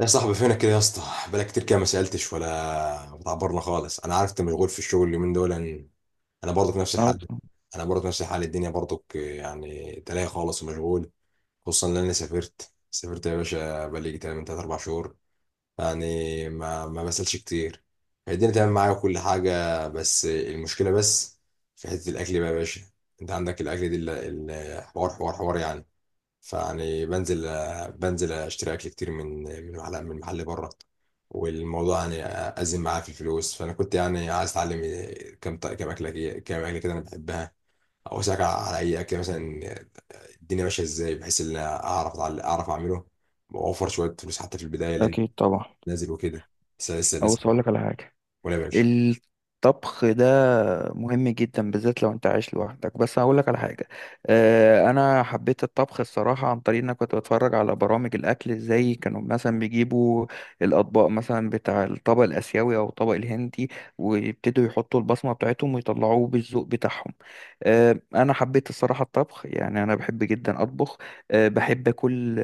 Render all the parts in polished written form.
يا صاحبي، فينك كده يا اسطى؟ بقالك كتير كده ما سألتش ولا بتعبرنا خالص. انا عارف انت مشغول في الشغل اليومين دول يعني. انا برضك نفس آه، الحال. انا برضك نفس الحال، الدنيا برضك يعني تلاقي خالص ومشغول. خصوصا ان انا سافرت يا باشا، بقالي تقريبا من 3 4 شهور. يعني ما بسألش كتير. الدنيا تمام معايا وكل حاجة، بس المشكلة بس في حتة الاكل بقى يا باشا. انت عندك الاكل دي حوار حوار حوار يعني. فيعني بنزل اشتري اكل كتير من محل بره، والموضوع يعني ازم معاه في الفلوس. فانا كنت يعني عايز اتعلم كم ط- كم اكله كي- كم اكله كده انا بحبها، او اسالك على اي اكل مثلا الدنيا ماشيه ازاي، بحيث ان أنا اعرف اعمله واوفر شويه فلوس حتى في البدايه، لان أكيد طبعا. نازل وكده. لسه أبص أقول لك على حاجة. ولا ماشي؟ الطبخ ده مهم جدا بالذات لو أنت عايش لوحدك، بس هقول لك على حاجة. أنا حبيت الطبخ الصراحة عن طريق إن أنا كنت بتفرج على برامج الأكل إزاي كانوا مثلا بيجيبوا الأطباق، مثلا بتاع الطبق الآسيوي أو الطبق الهندي، ويبتدوا يحطوا البصمة بتاعتهم ويطلعوه بالذوق بتاعهم. أنا حبيت الصراحة الطبخ، يعني أنا بحب جدا أطبخ. بحب كل،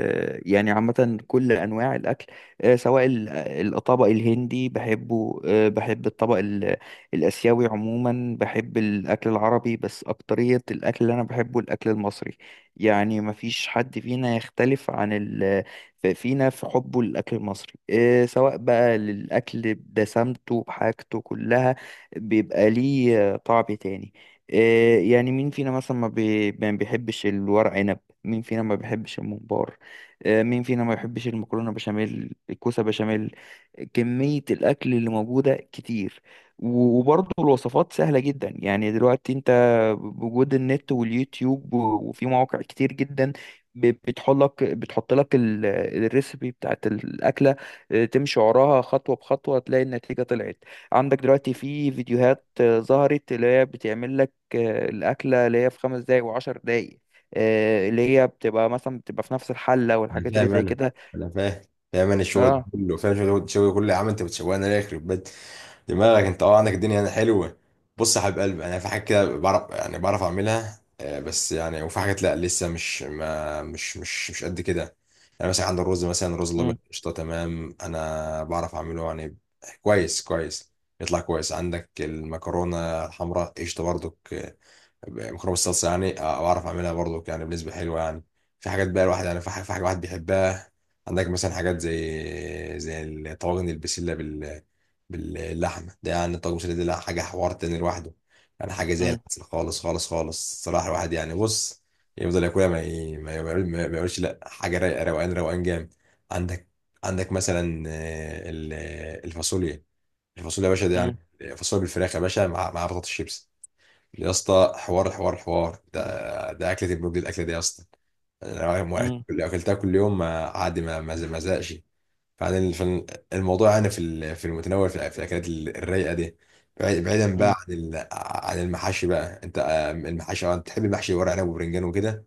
يعني عامة كل أنواع الأكل. سواء الطبق الهندي بحبه، بحب الطبق الآسيوي عموما. بحب الأكل العربي، بس أكترية الأكل اللي أنا بحبه الأكل المصري. يعني مفيش حد فينا يختلف عن فينا في حبه للأكل المصري. سواء بقى للأكل بدسمته بحاجته كلها، بيبقى ليه طعم تاني. يعني مين فينا مثلا ما بيحبش الورق عنب؟ مين فينا ما بيحبش الممبار؟ مين فينا ما يحبش المكرونة بشاميل، الكوسة بشاميل؟ كمية الأكل اللي موجودة كتير. وبرضه الوصفات سهلة جدا، يعني دلوقتي انت بوجود النت واليوتيوب وفي مواقع كتير جدا، بتحط لك الريسبي بتاعت الأكلة. تمشي وراها خطوة بخطوة تلاقي النتيجة طلعت. عندك دلوقتي في فيديوهات ظهرت اللي هي بتعمل لك الأكلة اللي هي في 5 دقايق وعشر دقايق، اللي هي بتبقى مثلا بتبقى في نفس الحلة انا والحاجات اللي فاهم زي انا كده. انا فاهم فاهم انا الشغل ده اه. كله. الشغل ده كله يا عم. انت بتشوقني ليه، يخرب بيت دماغك؟ انت اه، عندك الدنيا يعني حلوه. بص يا حبيب قلبي، انا في حاجه كده بعرف، يعني بعرف اعملها، آه، بس يعني وفي حاجات لا، لسه مش ما مش مش مش قد كده. يعني مثلا عند الرز مثلا، الرز الابيض امم. قشطه، تمام، انا بعرف اعمله، يعني كويس، يطلع كويس. عندك المكرونه الحمراء قشطه برضك، مكرونه بالصلصه يعني، آه، بعرف اعملها برضو يعني بنسبه حلوه يعني. في حاجات بقى الواحد يعني، في حاجه في حاجة الواحد بيحبها. عندك مثلا حاجات زي الطواجن، البسله باللحمه ده، يعني الطاجن البسله دي لا، حاجه حوار تاني لوحده. يعني حاجه زي امم. العسل، خالص خالص خالص. صراحه الواحد يعني، بص، يفضل ياكلها، ما يقولش لا. حاجه رايقه، روقان روقان جامد. عندك، مثلا آه، الفاصوليا. الفاصوليا يا باشا ده، يعني فاصوليا بالفراخ يا باشا، مع بطاطس شيبس، يا اسطى، حوار حوار حوار! ده ده اكله المجد، الاكله دي يا اسطى. انا يوم واحد امم. اكلتها كل يوم، ما عادي، ما زهقش. فعن الموضوع يعني، في في المتناول، في في الاكلات الرايقه دي. بعيدا بقى امم. عن عن المحاشي. بقى انت، آه، المحاشي، آه، انت تحب المحشي ورق عنب وبرنجان وكده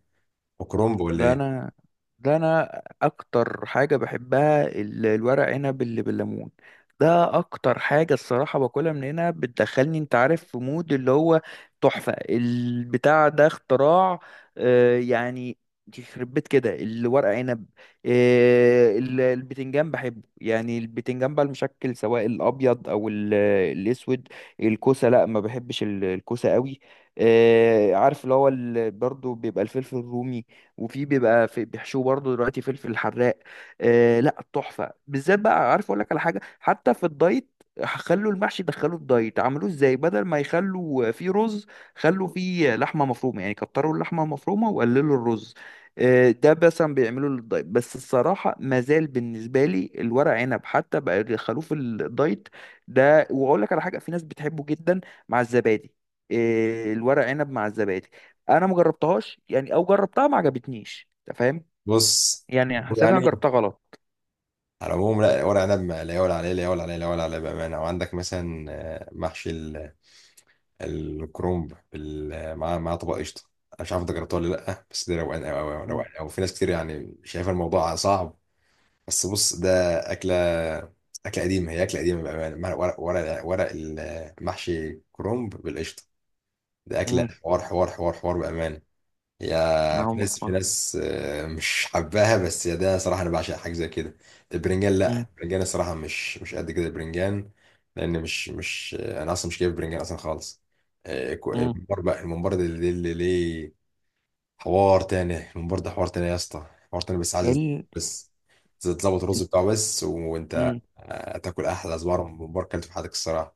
وكرنب ولا ده ايه؟ انا ده انا اكتر حاجه بحبها الورق عنب اللي بالليمون. ده اكتر حاجه الصراحه باكلها، من هنا بتدخلني انت عارف في مود اللي هو تحفه، البتاع ده اختراع. يعني يخرب بيت كده الورق عنب. البتنجان بحبه، يعني البتنجان بقى المشكل سواء الابيض او الاسود. الكوسه لا، ما بحبش الكوسه قوي. عارف اللي هو برضو بيبقى الفلفل الرومي، وفي بيبقى في بيحشوه برضه دلوقتي فلفل حراق. آه لا، تحفه بالذات بقى. عارف اقول لك على حاجه، حتى في الدايت، خلوا المحشي دخلوا الدايت عملوه ازاي؟ بدل ما يخلوا فيه رز، خلوا فيه لحمه مفرومه، يعني كتروا اللحمه المفرومه وقللوا الرز. ده مثلا بيعملوا للدايت، بس الصراحه مازال بالنسبه لي الورق عنب حتى بقى يدخلوه في الدايت ده. واقول لك على حاجه، في ناس بتحبه جدا مع الزبادي. الورق عنب مع الزبادي، انا ما جربتهاش، يعني او جربتها ما عجبتنيش، انت فاهم؟ بص يعني حسيت انا يعني، جربتها غلط. على العموم، لا، ورق عنب لا يعلى عليه، لا يعلى عليه، لا يعلى عليه بامانه. وعندك مثلا آه، محشي الكرومب مع طبق قشطه. انا مش عارف انت جربتها ولا لا، بس ده روقان قوي قوي، امم. روقان قوي. في ناس كتير يعني شايفه الموضوع صعب، بس بص ده اكله اكله قديمه، هي اكله قديمه بامانه. ورق ورق المحشي كرومب بالقشطه، ده اكله امم. حوار حوار حوار حوار بامانه. يا اول في مره اسمعها. ناس، آه، مش حباها، بس يا ده، صراحة أنا بعشق حاجة زي كده. البرنجان لأ، امم. البرنجان الصراحة مش قد كده البرنجان، لأن مش آه، أنا أصلا مش جايب برنجان أصلا خالص. آه، امم. الممبار بقى، الممبار ده اللي ليه حوار تاني. الممبار ده حوار تاني يا اسطى، حوار تاني، بس عايز ال... بس تظبط الرز بتاعه بس، وأنت، مم. آه، تاكل أحلى صباع ممبار كلته في حياتك الصراحة.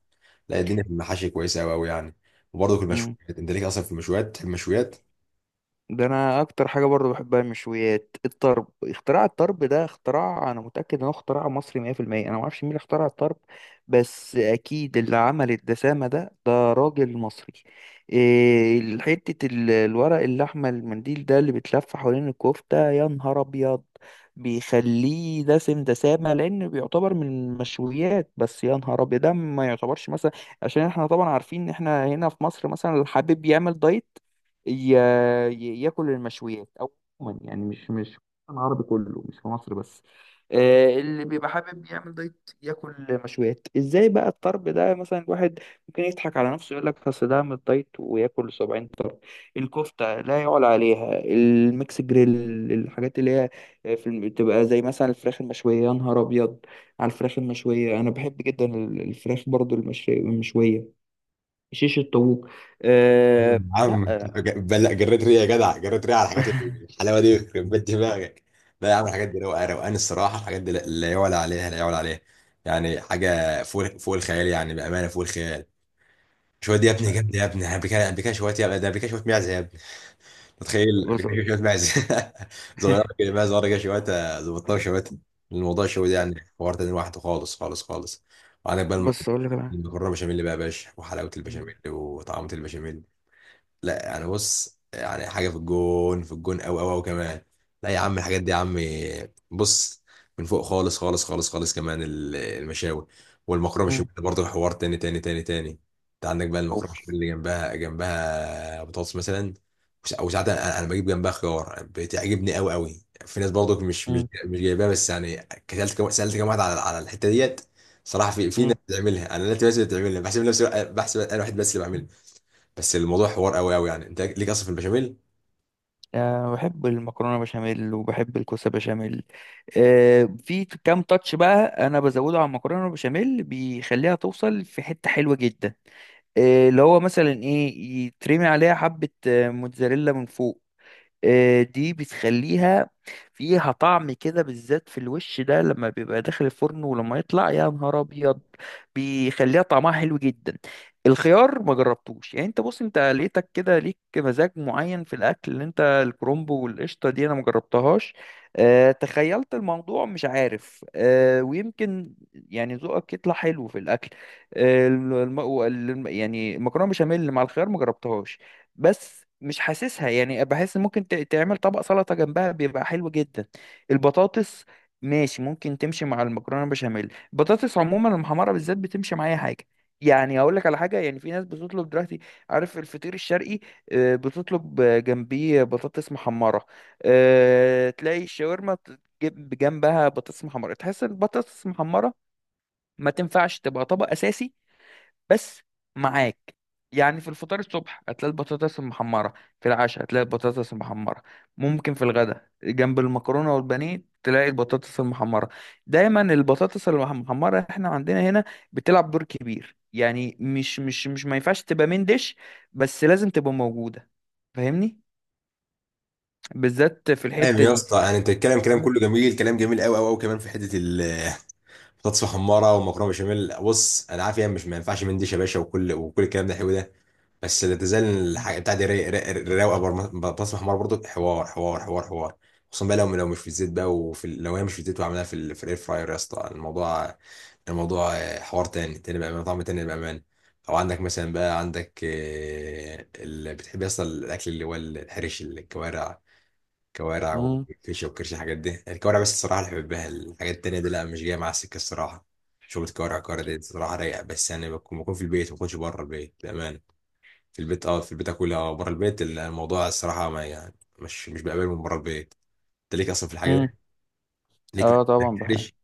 لا الدنيا في المحاشي كويسة أوي أوي يعني. وبرضه في مم. المشويات، أنت ليك أصلا في المشويات، تحب المشويات؟ ده انا اكتر حاجه برضه بحبها المشويات. الطرب اختراع، الطرب ده اختراع، انا متاكد انه اختراع مصري 100%. انا ما اعرفش مين اللي اخترع الطرب، بس اكيد اللي عمل الدسامه ده راجل مصري. إيه حته الورق اللحمه المنديل ده اللي بيتلف حوالين الكفته، يا نهار ابيض، بيخليه دسم دسامه لان بيعتبر من المشويات. بس يا نهار ابيض ده ما يعتبرش، مثلا عشان احنا طبعا عارفين ان احنا هنا في مصر مثلا اللي حابب يعمل دايت ياكل المشويات او عموما، يعني مش العربي كله مش في مصر بس. اللي بيبقى حابب يعمل دايت ياكل مشويات ازاي بقى؟ الطرب ده مثلا الواحد ممكن يضحك على نفسه يقول لك اصل ده عامل دايت وياكل 70 طرب. الكفته لا يعلى عليها، الميكس جريل، الحاجات اللي هي بتبقى زي مثلا الفراخ المشويه، يا نهار ابيض على الفراخ المشويه، انا بحب جدا الفراخ برضو المشويه. شيش الطاووق. أه عم، لا. لا. جريت ريا يا جدع، جريت ريا على الحاجات الحلاوه دي، يخرب بيت دماغك. لا يا عم، الحاجات دي روقان روقان الصراحه. الحاجات دي لا، لا يعلى عليها، لا يعلى عليها. يعني حاجه فوق فوق الخيال يعني، بامانه فوق الخيال. شويه دي يا ابني، جد يا ابني، بكا بكا شويه يا ابني، ده بكا شويه معزه يا ابني. تخيل، بس بكا شويه معزه! صغيره كده بقى، صغيره كده شويه، ظبطناها شويه. الموضوع شويه ده يعني حوار تاني لوحده، خالص خالص خالص. وعندك بقى بص اقول لك انا. المكرونه بشاميل بقى يا باشا، وحلاوه مم. البشاميل وطعمه البشاميل. لا، يعني بص، يعني حاجه في الجون، في الجون قوي قوي قوي كمان. لا يا عم، الحاجات دي يا عم، بص، من فوق خالص خالص خالص خالص كمان. المشاوي والمكرونه مم. بشاميل برضه حوار تاني تاني تاني تاني. انت عندك بقى المكرونه بشاميل اوف. اللي جنبها بطاطس مثلا. او ساعات انا، أنا بجيب جنبها خيار، بتعجبني قوي قوي. في ناس برضه مش مش مم. مش جايباها بس يعني كسلت كم سالت كم واحد على الحته ديت. صراحه في في ناس مم. بتعملها، انا ناس بس اللي بتعملها بحسب نفسي، بحسب انا واحد بس اللي بعملها. بس الموضوع حوار قوي قوي يعني. انت ليك اصلا في البشاميل. أه بحب المكرونه بشاميل وبحب الكوسه بشاميل. أه، في كام تاتش بقى، انا بزوده على المكرونه بشاميل بيخليها توصل في حته حلوه جدا. أه اللي هو مثلا ايه؟ يترمي عليها حبه موتزاريلا من فوق. دي بتخليها فيها طعم كده، بالذات في الوش ده لما بيبقى داخل الفرن، ولما يطلع يا نهار ابيض بيخليها طعمها حلو جدا. الخيار ما جربتوش، يعني انت بص، انت لقيتك كده ليك مزاج معين في الاكل، اللي انت الكرومبو والقشطه دي انا ما جربتهاش. أه تخيلت الموضوع، مش عارف. أه ويمكن يعني ذوقك يطلع حلو في الاكل. أه يعني المكرونه بشاميل مع الخيار ما جربتهاش، بس مش حاسسها، يعني بحس ممكن تعمل طبق سلطة جنبها بيبقى حلو جدا. البطاطس ماشي، ممكن تمشي مع المكرونة بشاميل. البطاطس عموما المحمرة بالذات بتمشي مع أي حاجة. يعني هقول لك على حاجة، يعني في ناس بتطلب دلوقتي، عارف الفطير الشرقي؟ بتطلب جنبيه بطاطس محمرة. تلاقي الشاورما تجيب جنبها بطاطس محمرة. تحس البطاطس المحمرة ما تنفعش تبقى طبق أساسي، بس معاك. يعني في الفطار الصبح هتلاقي البطاطس المحمرة، في العشاء هتلاقي البطاطس المحمرة، ممكن في الغداء جنب المكرونة والبانيه تلاقي البطاطس المحمرة. دايما البطاطس المحمرة احنا عندنا هنا بتلعب دور كبير، يعني مش ما ينفعش تبقى من ديش، بس لازم تبقى موجودة، فاهمني، بالذات في فاهم الحتة يا دي. اسطى، يعني انت الكلام، كلام مم. كله جميل، كلام جميل قوي قوي قوي كمان في حته بطاطس محمره ومكرونه بشاميل. بص انا عارف يعني، مش ما ينفعش منديش يا باشا، وكل الكلام ده حلو ده، بس لا تزال الحاجه بتاعتي رايقه. بطاطس محمره برضو حوار حوار حوار حوار. خصوصا بقى لو مش في الزيت بقى، وفي لو هي مش في الزيت وعملها في في الاير فراير، يا اسطى، الموضوع، آه، حوار تاني تاني بقى، طعم تاني بامان. او عندك مثلا بقى، عندك، آه، اللي بتحب اصلا الاكل اللي هو الحرش، الكوارع، كوارع مم. وفيشه وكرش. الحاجات دي، الكوارع بس الصراحه اللي بحبها، الحاجات التانيه دي لا، مش جايه مع السكه الصراحه. شغل كوارع، كوارع دي الصراحه رايقه، بس يعني بكون في البيت، ما بكونش بره البيت بامان. في البيت اه، في البيت اكلها. اه بره البيت الموضوع الصراحه، ما يعني مش بقبله من بره البيت. انت ليك اصلا في الحاجه مم. دي، ليك اه في طبعا بحب. الكرش؟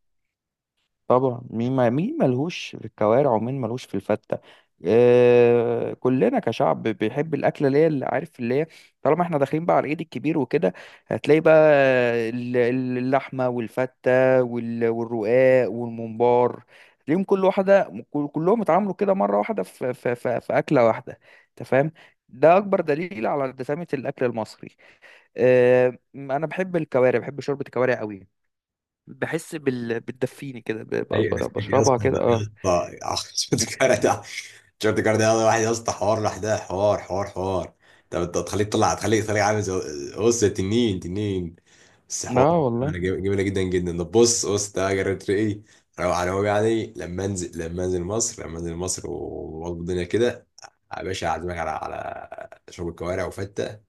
طبعا مين، ما مين ملهوش في الكوارع، ومين ملهوش في الفتة؟ آه كلنا كشعب بيحب الاكله اللي هي اللي عارف اللي هي، طالما احنا داخلين بقى على العيد الكبير وكده، هتلاقي بقى اللحمه والفته والرقاق والممبار، تلاقيهم كل واحده كلهم اتعاملوا كده مره واحده في في اكله واحده، انت فاهم؟ ده اكبر دليل على دسامه الاكل المصري. آه انا بحب الكوارع، بحب شوربه الكوارع قوي، بحس بتدفيني كده، ايوه ده فيك اصلا بشربها كده ده يا اه. اسطى! عشان الكوارع ده تيشيرت كاردينال واحد يا اسطى، حوار لوحدها، حوار حوار حوار. طب انت هتخليك تطلع، تخليك عامل زي، بص، تنين تنين، بس لا حوار، والله. جميلة جميلة جدا جدا. طب بص بص ده، جربت ايه؟ روق على هو يعني، لما انزل مصر واظبط الدنيا كده، يا باشا اعزمك على شرب الكوارع وفتة.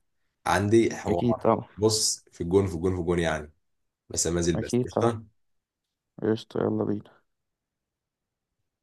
عندي اكيد حوار، طبعا. بص، في الجون، في الجون، في الجون يعني، بس لما انزل بس، اكيد طبعا. قشطة. قشطة يلا بينا.